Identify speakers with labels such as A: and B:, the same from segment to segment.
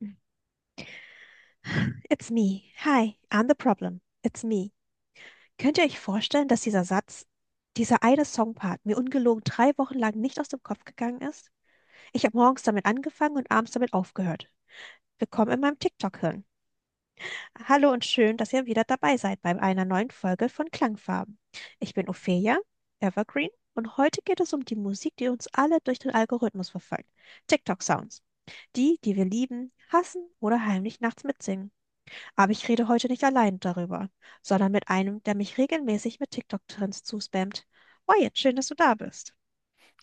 A: It's me. Hi, I'm the problem. It's me. Könnt ihr euch vorstellen, dass dieser Satz, dieser eine Songpart mir ungelogen 3 Wochen lang nicht aus dem Kopf gegangen ist? Ich habe morgens damit angefangen und abends damit aufgehört. Willkommen in meinem TikTok-Hirn. Hallo und schön, dass ihr wieder dabei seid bei einer neuen Folge von Klangfarben. Ich bin Ophelia, Evergreen, und heute geht es um die Musik, die uns alle durch den Algorithmus verfolgt. TikTok-Sounds. Die, die wir lieben, hassen oder heimlich nachts mitsingen. Aber ich rede heute nicht allein darüber, sondern mit einem, der mich regelmäßig mit TikTok-Trends zuspammt. Oh, jetzt schön, dass du da bist.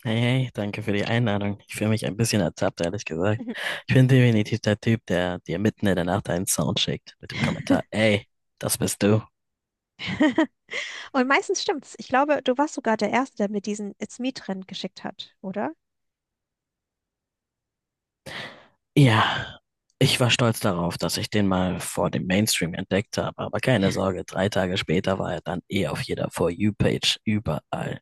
B: Hey, hey, danke für die Einladung. Ich fühle mich ein bisschen ertappt, ehrlich gesagt. Ich bin definitiv der Typ, der dir mitten in der Nacht einen Sound schickt mit dem
A: Mhm.
B: Kommentar, ey, das bist du.
A: Und meistens stimmt's. Ich glaube, du warst sogar der Erste, der mir diesen It's Me-Trend geschickt hat, oder?
B: Ja, ich war stolz darauf, dass ich den mal vor dem Mainstream entdeckt habe, aber keine Sorge, 3 Tage später war er dann eh auf jeder For You-Page überall.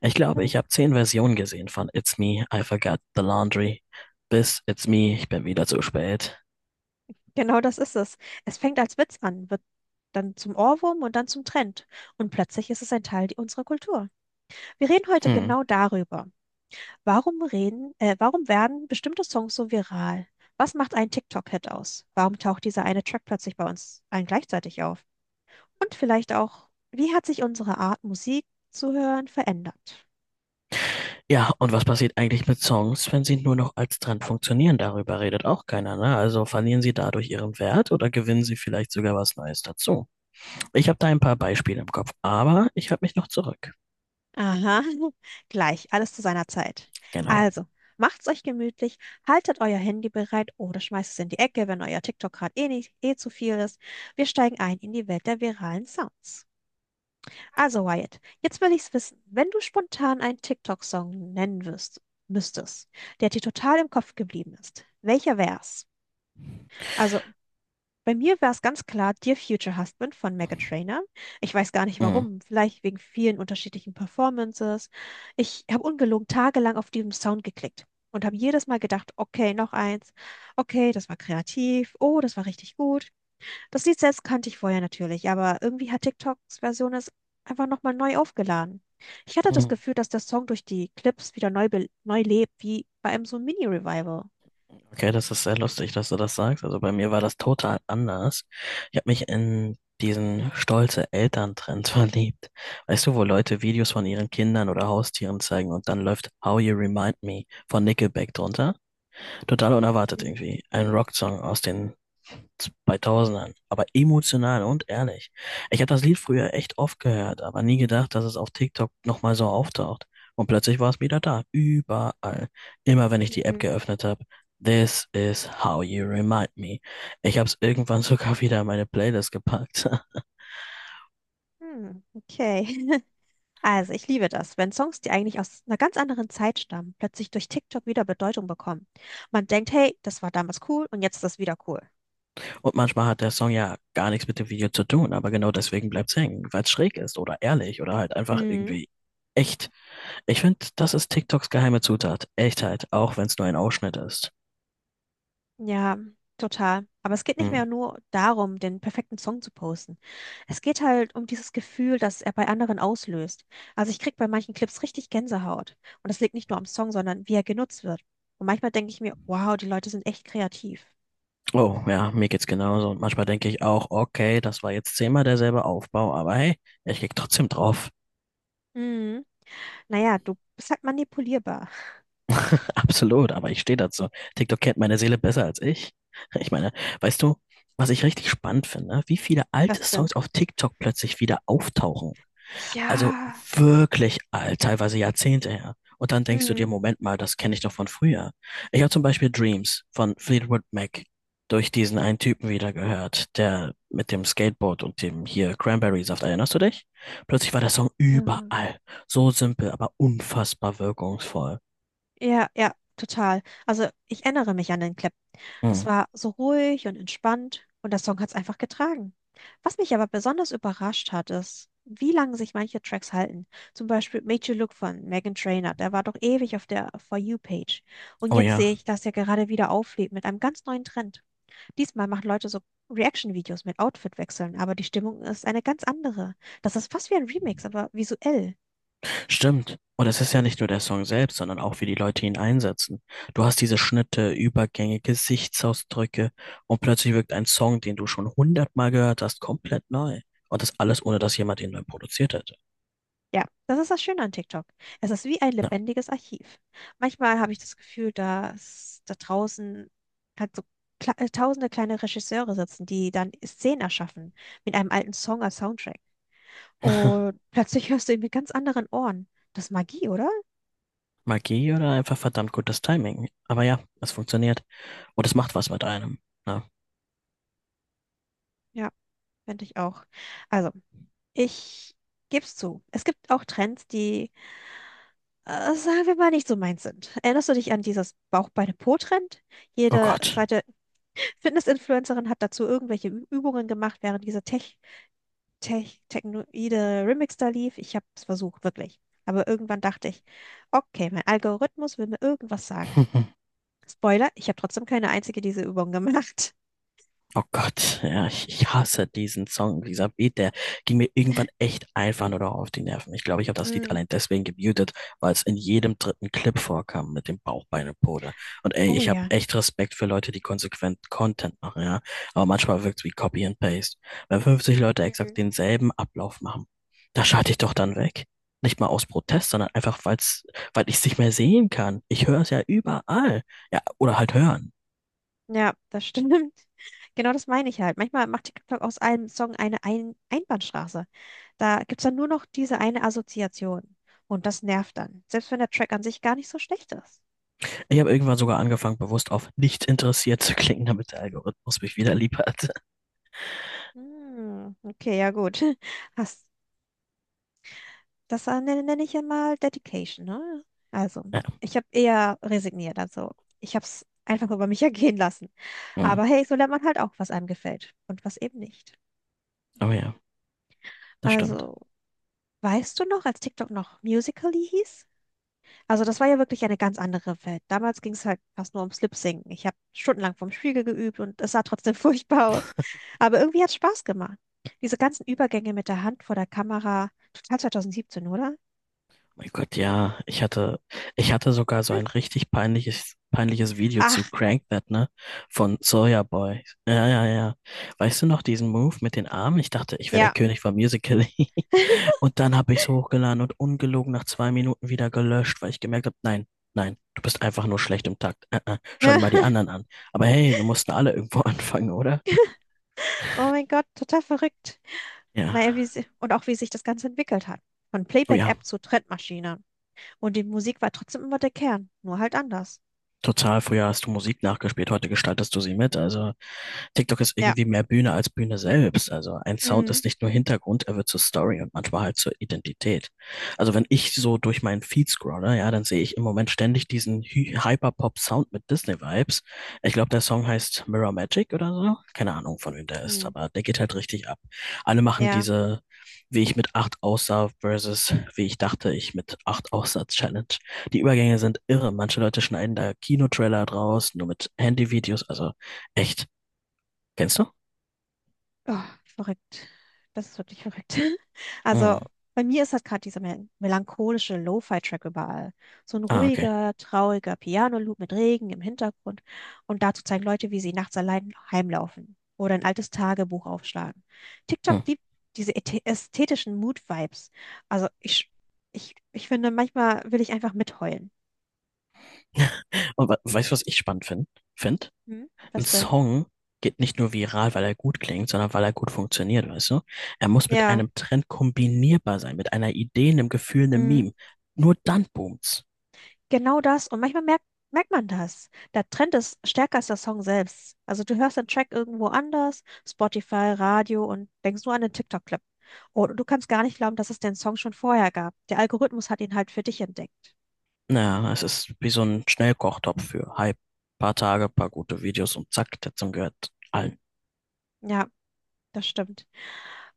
B: Ich glaube,
A: Hm.
B: ich habe 10 Versionen gesehen von It's Me, I Forgot the Laundry bis It's Me, ich bin wieder zu spät.
A: Genau das ist es. Es fängt als Witz an, wird dann zum Ohrwurm und dann zum Trend. Und plötzlich ist es ein Teil unserer Kultur. Wir reden heute
B: Hm.
A: genau darüber. Warum werden bestimmte Songs so viral? Was macht einen TikTok-Hit aus? Warum taucht dieser eine Track plötzlich bei uns allen gleichzeitig auf? Und vielleicht auch, wie hat sich unsere Art, Musik zu hören, verändert?
B: Ja, und was passiert eigentlich mit Songs, wenn sie nur noch als Trend funktionieren? Darüber redet auch keiner, ne? Also verlieren sie dadurch ihren Wert oder gewinnen sie vielleicht sogar was Neues dazu? Ich habe da ein paar Beispiele im Kopf, aber ich halte mich noch zurück.
A: Aha, gleich, alles zu seiner Zeit.
B: Genau.
A: Also, macht's euch gemütlich, haltet euer Handy bereit oder schmeißt es in die Ecke, wenn euer TikTok gerade eh nicht, eh zu viel ist. Wir steigen ein in die Welt der viralen Sounds. Also Wyatt, jetzt will ich's wissen. Wenn du spontan einen TikTok-Song nennen müsstest, der dir total im Kopf geblieben ist, welcher wär's? Also bei mir wär's ganz klar Dear Future Husband von Meghan Trainor. Ich weiß gar nicht
B: Mhm.
A: warum, vielleicht wegen vielen unterschiedlichen Performances. Ich habe ungelogen tagelang auf diesem Sound geklickt und habe jedes Mal gedacht, okay, noch eins, okay, das war kreativ, oh, das war richtig gut. Das Lied selbst kannte ich vorher natürlich, aber irgendwie hat TikToks Version es einfach nochmal neu aufgeladen. Ich hatte das
B: Mhm.
A: Gefühl, dass der Song durch die Clips wieder neu lebt, wie bei einem so Mini-Revival.
B: Okay, das ist sehr lustig, dass du das sagst. Also bei mir war das total anders. Ich habe mich in diesen stolze Elterntrend verliebt. Weißt du, wo Leute Videos von ihren Kindern oder Haustieren zeigen und dann läuft How You Remind Me von Nickelback drunter? Total unerwartet
A: Hm.
B: irgendwie. Ein Rocksong aus den 2000ern, aber emotional und ehrlich. Ich habe das Lied früher echt oft gehört, aber nie gedacht, dass es auf TikTok nochmal so auftaucht. Und plötzlich war es wieder da, überall. Immer wenn ich die App
A: Mhm.
B: geöffnet habe. This is how you remind me. Ich habe es irgendwann sogar wieder in meine Playlist gepackt.
A: Hm, okay. Also, ich liebe das, wenn Songs, die eigentlich aus einer ganz anderen Zeit stammen, plötzlich durch TikTok wieder Bedeutung bekommen. Man denkt, hey, das war damals cool und jetzt ist das wieder cool.
B: Und manchmal hat der Song ja gar nichts mit dem Video zu tun, aber genau deswegen bleibt's hängen, weil es schräg ist oder ehrlich oder halt einfach
A: Mhm.
B: irgendwie echt. Ich finde, das ist TikToks geheime Zutat. Echtheit, auch wenn es nur ein Ausschnitt ist.
A: Ja, total. Aber es geht nicht
B: Hm.
A: mehr nur darum, den perfekten Song zu posten. Es geht halt um dieses Gefühl, das er bei anderen auslöst. Also ich krieg bei manchen Clips richtig Gänsehaut. Und das liegt nicht nur am Song, sondern wie er genutzt wird. Und manchmal denke ich mir, wow, die Leute sind echt kreativ.
B: Oh, ja, mir geht's genauso. Und manchmal denke ich auch, okay, das war jetzt zehnmal derselbe Aufbau, aber hey, ich klicke trotzdem drauf.
A: Mhm. Naja, du bist halt manipulierbar.
B: Absolut, aber ich stehe dazu. TikTok kennt meine Seele besser als ich. Ich meine, weißt du, was ich richtig spannend finde, wie viele
A: Was
B: alte
A: denn?
B: Songs auf TikTok plötzlich wieder auftauchen. Also
A: Ja.
B: wirklich alt, teilweise Jahrzehnte her. Und dann denkst du dir,
A: Mhm.
B: Moment mal, das kenne ich doch von früher. Ich habe zum Beispiel Dreams von Fleetwood Mac durch diesen einen Typen wieder gehört, der mit dem Skateboard und dem hier Cranberry-Saft, erinnerst du dich? Plötzlich war der Song
A: Mhm.
B: überall. So simpel, aber unfassbar wirkungsvoll.
A: Ja, ja, total. Also ich erinnere mich an den Clip. Das
B: Hm.
A: war so ruhig und entspannt und der Song hat es einfach getragen. Was mich aber besonders überrascht hat, ist, wie lange sich manche Tracks halten. Zum Beispiel Made You Look von Meghan Trainor, der war doch ewig auf der For You-Page. Und
B: Oh
A: jetzt sehe
B: ja.
A: ich, dass er gerade wieder auflebt mit einem ganz neuen Trend. Diesmal machen Leute so Reaction-Videos mit Outfitwechseln, aber die Stimmung ist eine ganz andere. Das ist fast wie ein Remix, aber visuell.
B: Stimmt. Und es ist ja nicht nur der Song selbst, sondern auch, wie die Leute ihn einsetzen. Du hast diese Schnitte, Übergänge, Gesichtsausdrücke und plötzlich wirkt ein Song, den du schon hundertmal gehört hast, komplett neu. Und das alles, ohne dass jemand ihn neu produziert hätte.
A: Ja, das ist das Schöne an TikTok. Es ist wie ein
B: Ja.
A: lebendiges Archiv. Manchmal habe ich das Gefühl, dass da draußen halt so kle tausende kleine Regisseure sitzen, die dann Szenen erschaffen mit einem alten Song als Soundtrack. Und plötzlich hörst du ihn mit ganz anderen Ohren. Das ist Magie, oder?
B: Magie oder einfach verdammt gutes Timing. Aber ja, es funktioniert. Und es macht was mit einem. Ja.
A: Ja, finde ich auch. Also, ich gebe es zu. Es gibt auch Trends, die, sagen wir mal, nicht so meins sind. Erinnerst du dich an dieses Bauch-Beine-Po-Trend?
B: Oh
A: Jede
B: Gott.
A: zweite Fitness-Influencerin hat dazu irgendwelche Übungen gemacht, während dieser technoide Remix da lief. Ich habe es versucht, wirklich. Aber irgendwann dachte ich, okay, mein Algorithmus will mir irgendwas sagen. Spoiler, ich habe trotzdem keine einzige dieser Übungen gemacht.
B: Oh Gott, ja, ich hasse diesen Song, dieser Beat, der ging mir irgendwann echt einfach nur noch auf die Nerven. Ich glaube, ich habe das Lied
A: Mm,
B: allein deswegen gemutet, weil es in jedem dritten Clip vorkam mit dem Bauch, Beine, Pode. Und ey,
A: oh
B: ich habe
A: ja.
B: echt Respekt für Leute, die konsequent Content machen, ja. Aber manchmal wirkt's wie Copy and Paste. Wenn 50 Leute exakt
A: Mhm.
B: denselben Ablauf machen, da schalte ich doch dann weg. Nicht mal aus Protest, sondern einfach, weil's, weil ich es nicht mehr sehen kann. Ich höre es ja überall. Ja, oder halt hören.
A: Ja, das stimmt. Genau das meine ich halt. Manchmal macht TikTok aus einem Song eine Einbahnstraße. Da gibt es dann nur noch diese eine Assoziation. Und das nervt dann. Selbst wenn der Track an sich gar nicht so schlecht ist.
B: Ich habe irgendwann sogar angefangen, bewusst auf nicht interessiert zu klicken, damit der Algorithmus mich wieder lieb hat.
A: Hm, okay, ja gut. Hast, das nenne ich ja mal Dedication, ne? Also,
B: Ja,
A: ich habe eher resigniert, also ich habe es einfach über mich ergehen lassen.
B: mm.
A: Aber hey, so lernt man halt auch, was einem gefällt und was eben nicht.
B: Aber ja, das stimmt.
A: Also, weißt du noch, als TikTok noch Musical.ly hieß? Also, das war ja wirklich eine ganz andere Welt. Damals ging es halt fast nur ums Lip-Singen. Ich habe stundenlang vorm Spiegel geübt und es sah trotzdem furchtbar aus. Aber irgendwie hat es Spaß gemacht. Diese ganzen Übergänge mit der Hand vor der Kamera, total 2017, oder?
B: Mein Gott, ja, ich hatte sogar so ein richtig peinliches Video zu
A: Ach,
B: Crank That, ne? Von Soulja Boy. Ja, ja, ja. Weißt du noch diesen Move mit den Armen? Ich dachte, ich wäre der
A: ja.
B: König von Musical.ly. Und dann habe ich es hochgeladen und ungelogen nach 2 Minuten wieder gelöscht, weil ich gemerkt habe, nein, nein, du bist einfach nur schlecht im Takt. Schau
A: Ja.
B: dir mal die anderen an. Aber hey, wir mussten alle irgendwo anfangen, oder?
A: Oh mein Gott, total verrückt.
B: Ja.
A: Naja, wie sie, und auch wie sich das Ganze entwickelt hat. Von
B: Oh ja,
A: Playback-App zu Trendmaschine. Und die Musik war trotzdem immer der Kern, nur halt anders.
B: total. Früher hast du Musik nachgespielt, heute gestaltest du sie mit. Also, TikTok ist
A: Ja.
B: irgendwie mehr Bühne als Bühne selbst. Also ein Sound
A: Mhm.
B: ist nicht nur Hintergrund, er wird zur Story und manchmal halt zur Identität. Also wenn ich so durch meinen Feed scrolle, ja, dann sehe ich im Moment ständig diesen Hyperpop-Sound mit Disney-Vibes. Ich glaube, der Song heißt Mirror Magic oder so. Keine Ahnung, von wem der ist,
A: Mhm.
B: aber der geht halt richtig ab. Alle machen
A: Ja.
B: diese, wie ich mit 8 aussah versus wie ich dachte, ich mit 8 aussah Challenge. Die Übergänge sind irre. Manche Leute schneiden da Kinotrailer draus, nur mit Handyvideos. Also echt, kennst du?
A: Oh, verrückt. Das ist wirklich verrückt. Also
B: Hm.
A: bei mir ist halt gerade dieser melancholische Lo-Fi-Track überall. So ein
B: Ah, okay.
A: ruhiger, trauriger Piano-Loop mit Regen im Hintergrund. Und dazu zeigen Leute, wie sie nachts allein heimlaufen oder ein altes Tagebuch aufschlagen. TikTok
B: Hm.
A: liebt diese ästhetischen Mood-Vibes. Also ich finde, manchmal will ich einfach mitheulen.
B: Und weißt du, was ich spannend finde? Find?
A: Hm?
B: Ein
A: Was denn?
B: Song geht nicht nur viral, weil er gut klingt, sondern weil er gut funktioniert, weißt du? Er muss mit
A: Ja.
B: einem Trend kombinierbar sein, mit einer Idee, einem Gefühl, einem
A: Hm?
B: Meme. Nur dann boomt's.
A: Genau das. Und manchmal merkt man das. Der Trend ist stärker als der Song selbst. Also du hörst den Track irgendwo anders, Spotify, Radio und denkst nur an den TikTok-Clip. Und du kannst gar nicht glauben, dass es den Song schon vorher gab. Der Algorithmus hat ihn halt für dich entdeckt.
B: Naja, es ist wie so ein Schnellkochtopf für Hype. Paar Tage, paar gute Videos und zack, der Song gehört allen.
A: Ja, das stimmt.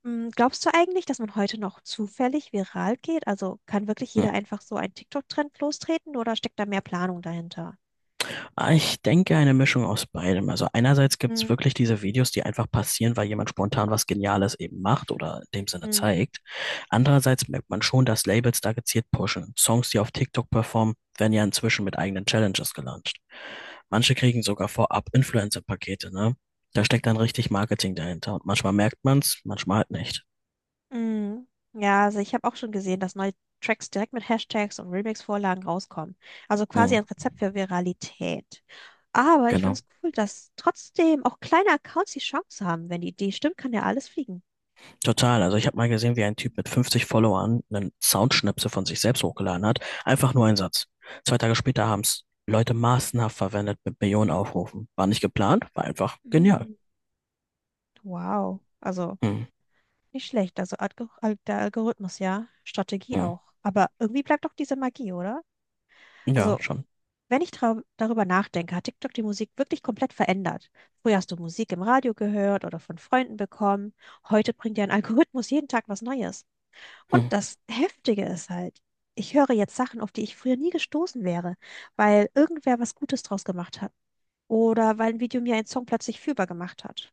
A: Mm. Glaubst du eigentlich, dass man heute noch zufällig viral geht? Also kann wirklich jeder einfach so einen TikTok-Trend lostreten oder steckt da mehr Planung dahinter?
B: Ich denke, eine Mischung aus beidem. Also einerseits gibt es
A: Mm,
B: wirklich diese Videos, die einfach passieren, weil jemand spontan was Geniales eben macht oder in dem Sinne
A: mm.
B: zeigt. Andererseits merkt man schon, dass Labels da gezielt pushen. Songs, die auf TikTok performen, werden ja inzwischen mit eigenen Challenges gelauncht. Manche kriegen sogar vorab Influencer-Pakete, ne? Da steckt dann richtig Marketing dahinter und manchmal merkt man's, manchmal halt nicht.
A: Mm. Ja, also ich habe auch schon gesehen, dass neue Tracks direkt mit Hashtags und Remix-Vorlagen rauskommen. Also quasi
B: Hm,
A: ein Rezept für Viralität. Aber ich finde
B: genau.
A: es cool, dass trotzdem auch kleine Accounts die Chance haben. Wenn die Idee stimmt, kann ja alles fliegen.
B: Total. Also ich habe mal gesehen, wie ein Typ mit 50 Followern einen Soundschnipsel von sich selbst hochgeladen hat. Einfach nur ein Satz. 2 Tage später haben es Leute massenhaft verwendet mit Millionen Aufrufen. War nicht geplant, war einfach genial.
A: Mm. Wow. Also
B: Hm.
A: nicht schlecht. Also der Algorithmus, ja. Strategie
B: Hm.
A: auch. Aber irgendwie bleibt doch diese Magie, oder?
B: Ja,
A: Also
B: schon.
A: wenn ich darüber nachdenke, hat TikTok die Musik wirklich komplett verändert. Früher hast du Musik im Radio gehört oder von Freunden bekommen. Heute bringt dir ein Algorithmus jeden Tag was Neues. Und
B: Hm.
A: das Heftige ist halt, ich höre jetzt Sachen, auf die ich früher nie gestoßen wäre, weil irgendwer was Gutes draus gemacht hat. Oder weil ein Video mir einen Song plötzlich fühlbar gemacht hat.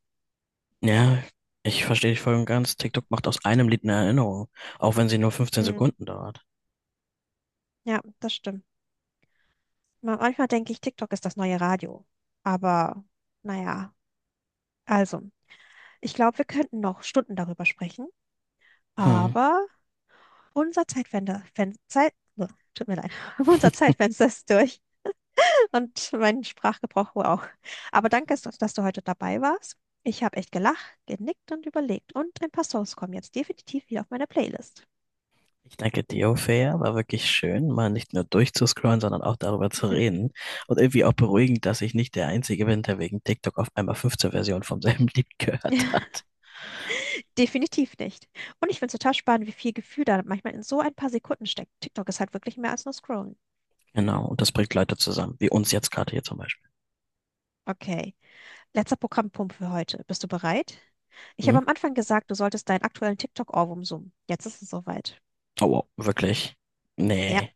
B: Ja, ich verstehe dich voll und ganz. TikTok macht aus einem Lied eine Erinnerung, auch wenn sie nur 15
A: Hm,
B: Sekunden dauert.
A: ja, das stimmt. Manchmal denke ich, TikTok ist das neue Radio. Aber naja, also, ich glaube, wir könnten noch Stunden darüber sprechen.
B: Hm.
A: Aber Unser Zeitfenster, Fen Zeit, oh, tut mir leid, unser Zeitfenster ist durch und mein Sprachgebrauch wohl auch. Aber danke, dass du heute dabei warst. Ich habe echt gelacht, genickt und überlegt und ein paar Songs kommen jetzt definitiv wieder auf meine Playlist.
B: Ich danke dir, Ophäa. War wirklich schön, mal nicht nur durchzuscrollen, sondern auch darüber zu reden. Und irgendwie auch beruhigend, dass ich nicht der Einzige bin, der wegen TikTok auf einmal 15 Versionen vom selben Lied gehört hat.
A: Definitiv nicht. Und ich finde es total spannend, wie viel Gefühl da manchmal in so ein paar Sekunden steckt. TikTok ist halt wirklich mehr als nur Scrollen.
B: Genau, und das bringt Leute zusammen, wie uns jetzt gerade hier zum Beispiel.
A: Okay, letzter Programmpunkt für heute. Bist du bereit? Ich habe
B: Mhm.
A: am Anfang gesagt, du solltest deinen aktuellen TikTok-Ohrwurm summen. Jetzt ist es soweit.
B: Oh, wow, wirklich?
A: Ja.
B: Nee,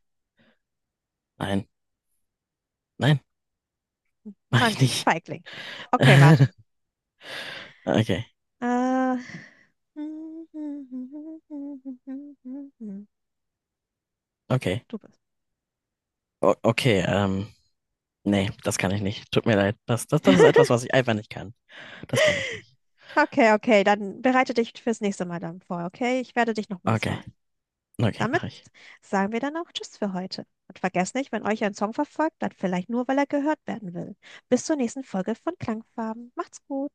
B: nein, nein, mach
A: Na
B: ich
A: gut,
B: nicht.
A: Feigling. Okay, warte.
B: Okay,
A: Äh, Du
B: okay,
A: bist.
B: o okay, nee, das kann ich nicht. Tut mir leid. Das ist etwas, was ich einfach nicht kann. Das kann ich nicht.
A: Okay, okay, dann bereite dich fürs nächste Mal dann vor, okay? Ich werde dich nochmals
B: Okay,
A: fragen.
B: okay,
A: Damit
B: mache ich.
A: sagen wir dann auch Tschüss für heute. Und vergesst nicht, wenn euch ein Song verfolgt, dann vielleicht nur, weil er gehört werden will. Bis zur nächsten Folge von Klangfarben. Macht's gut.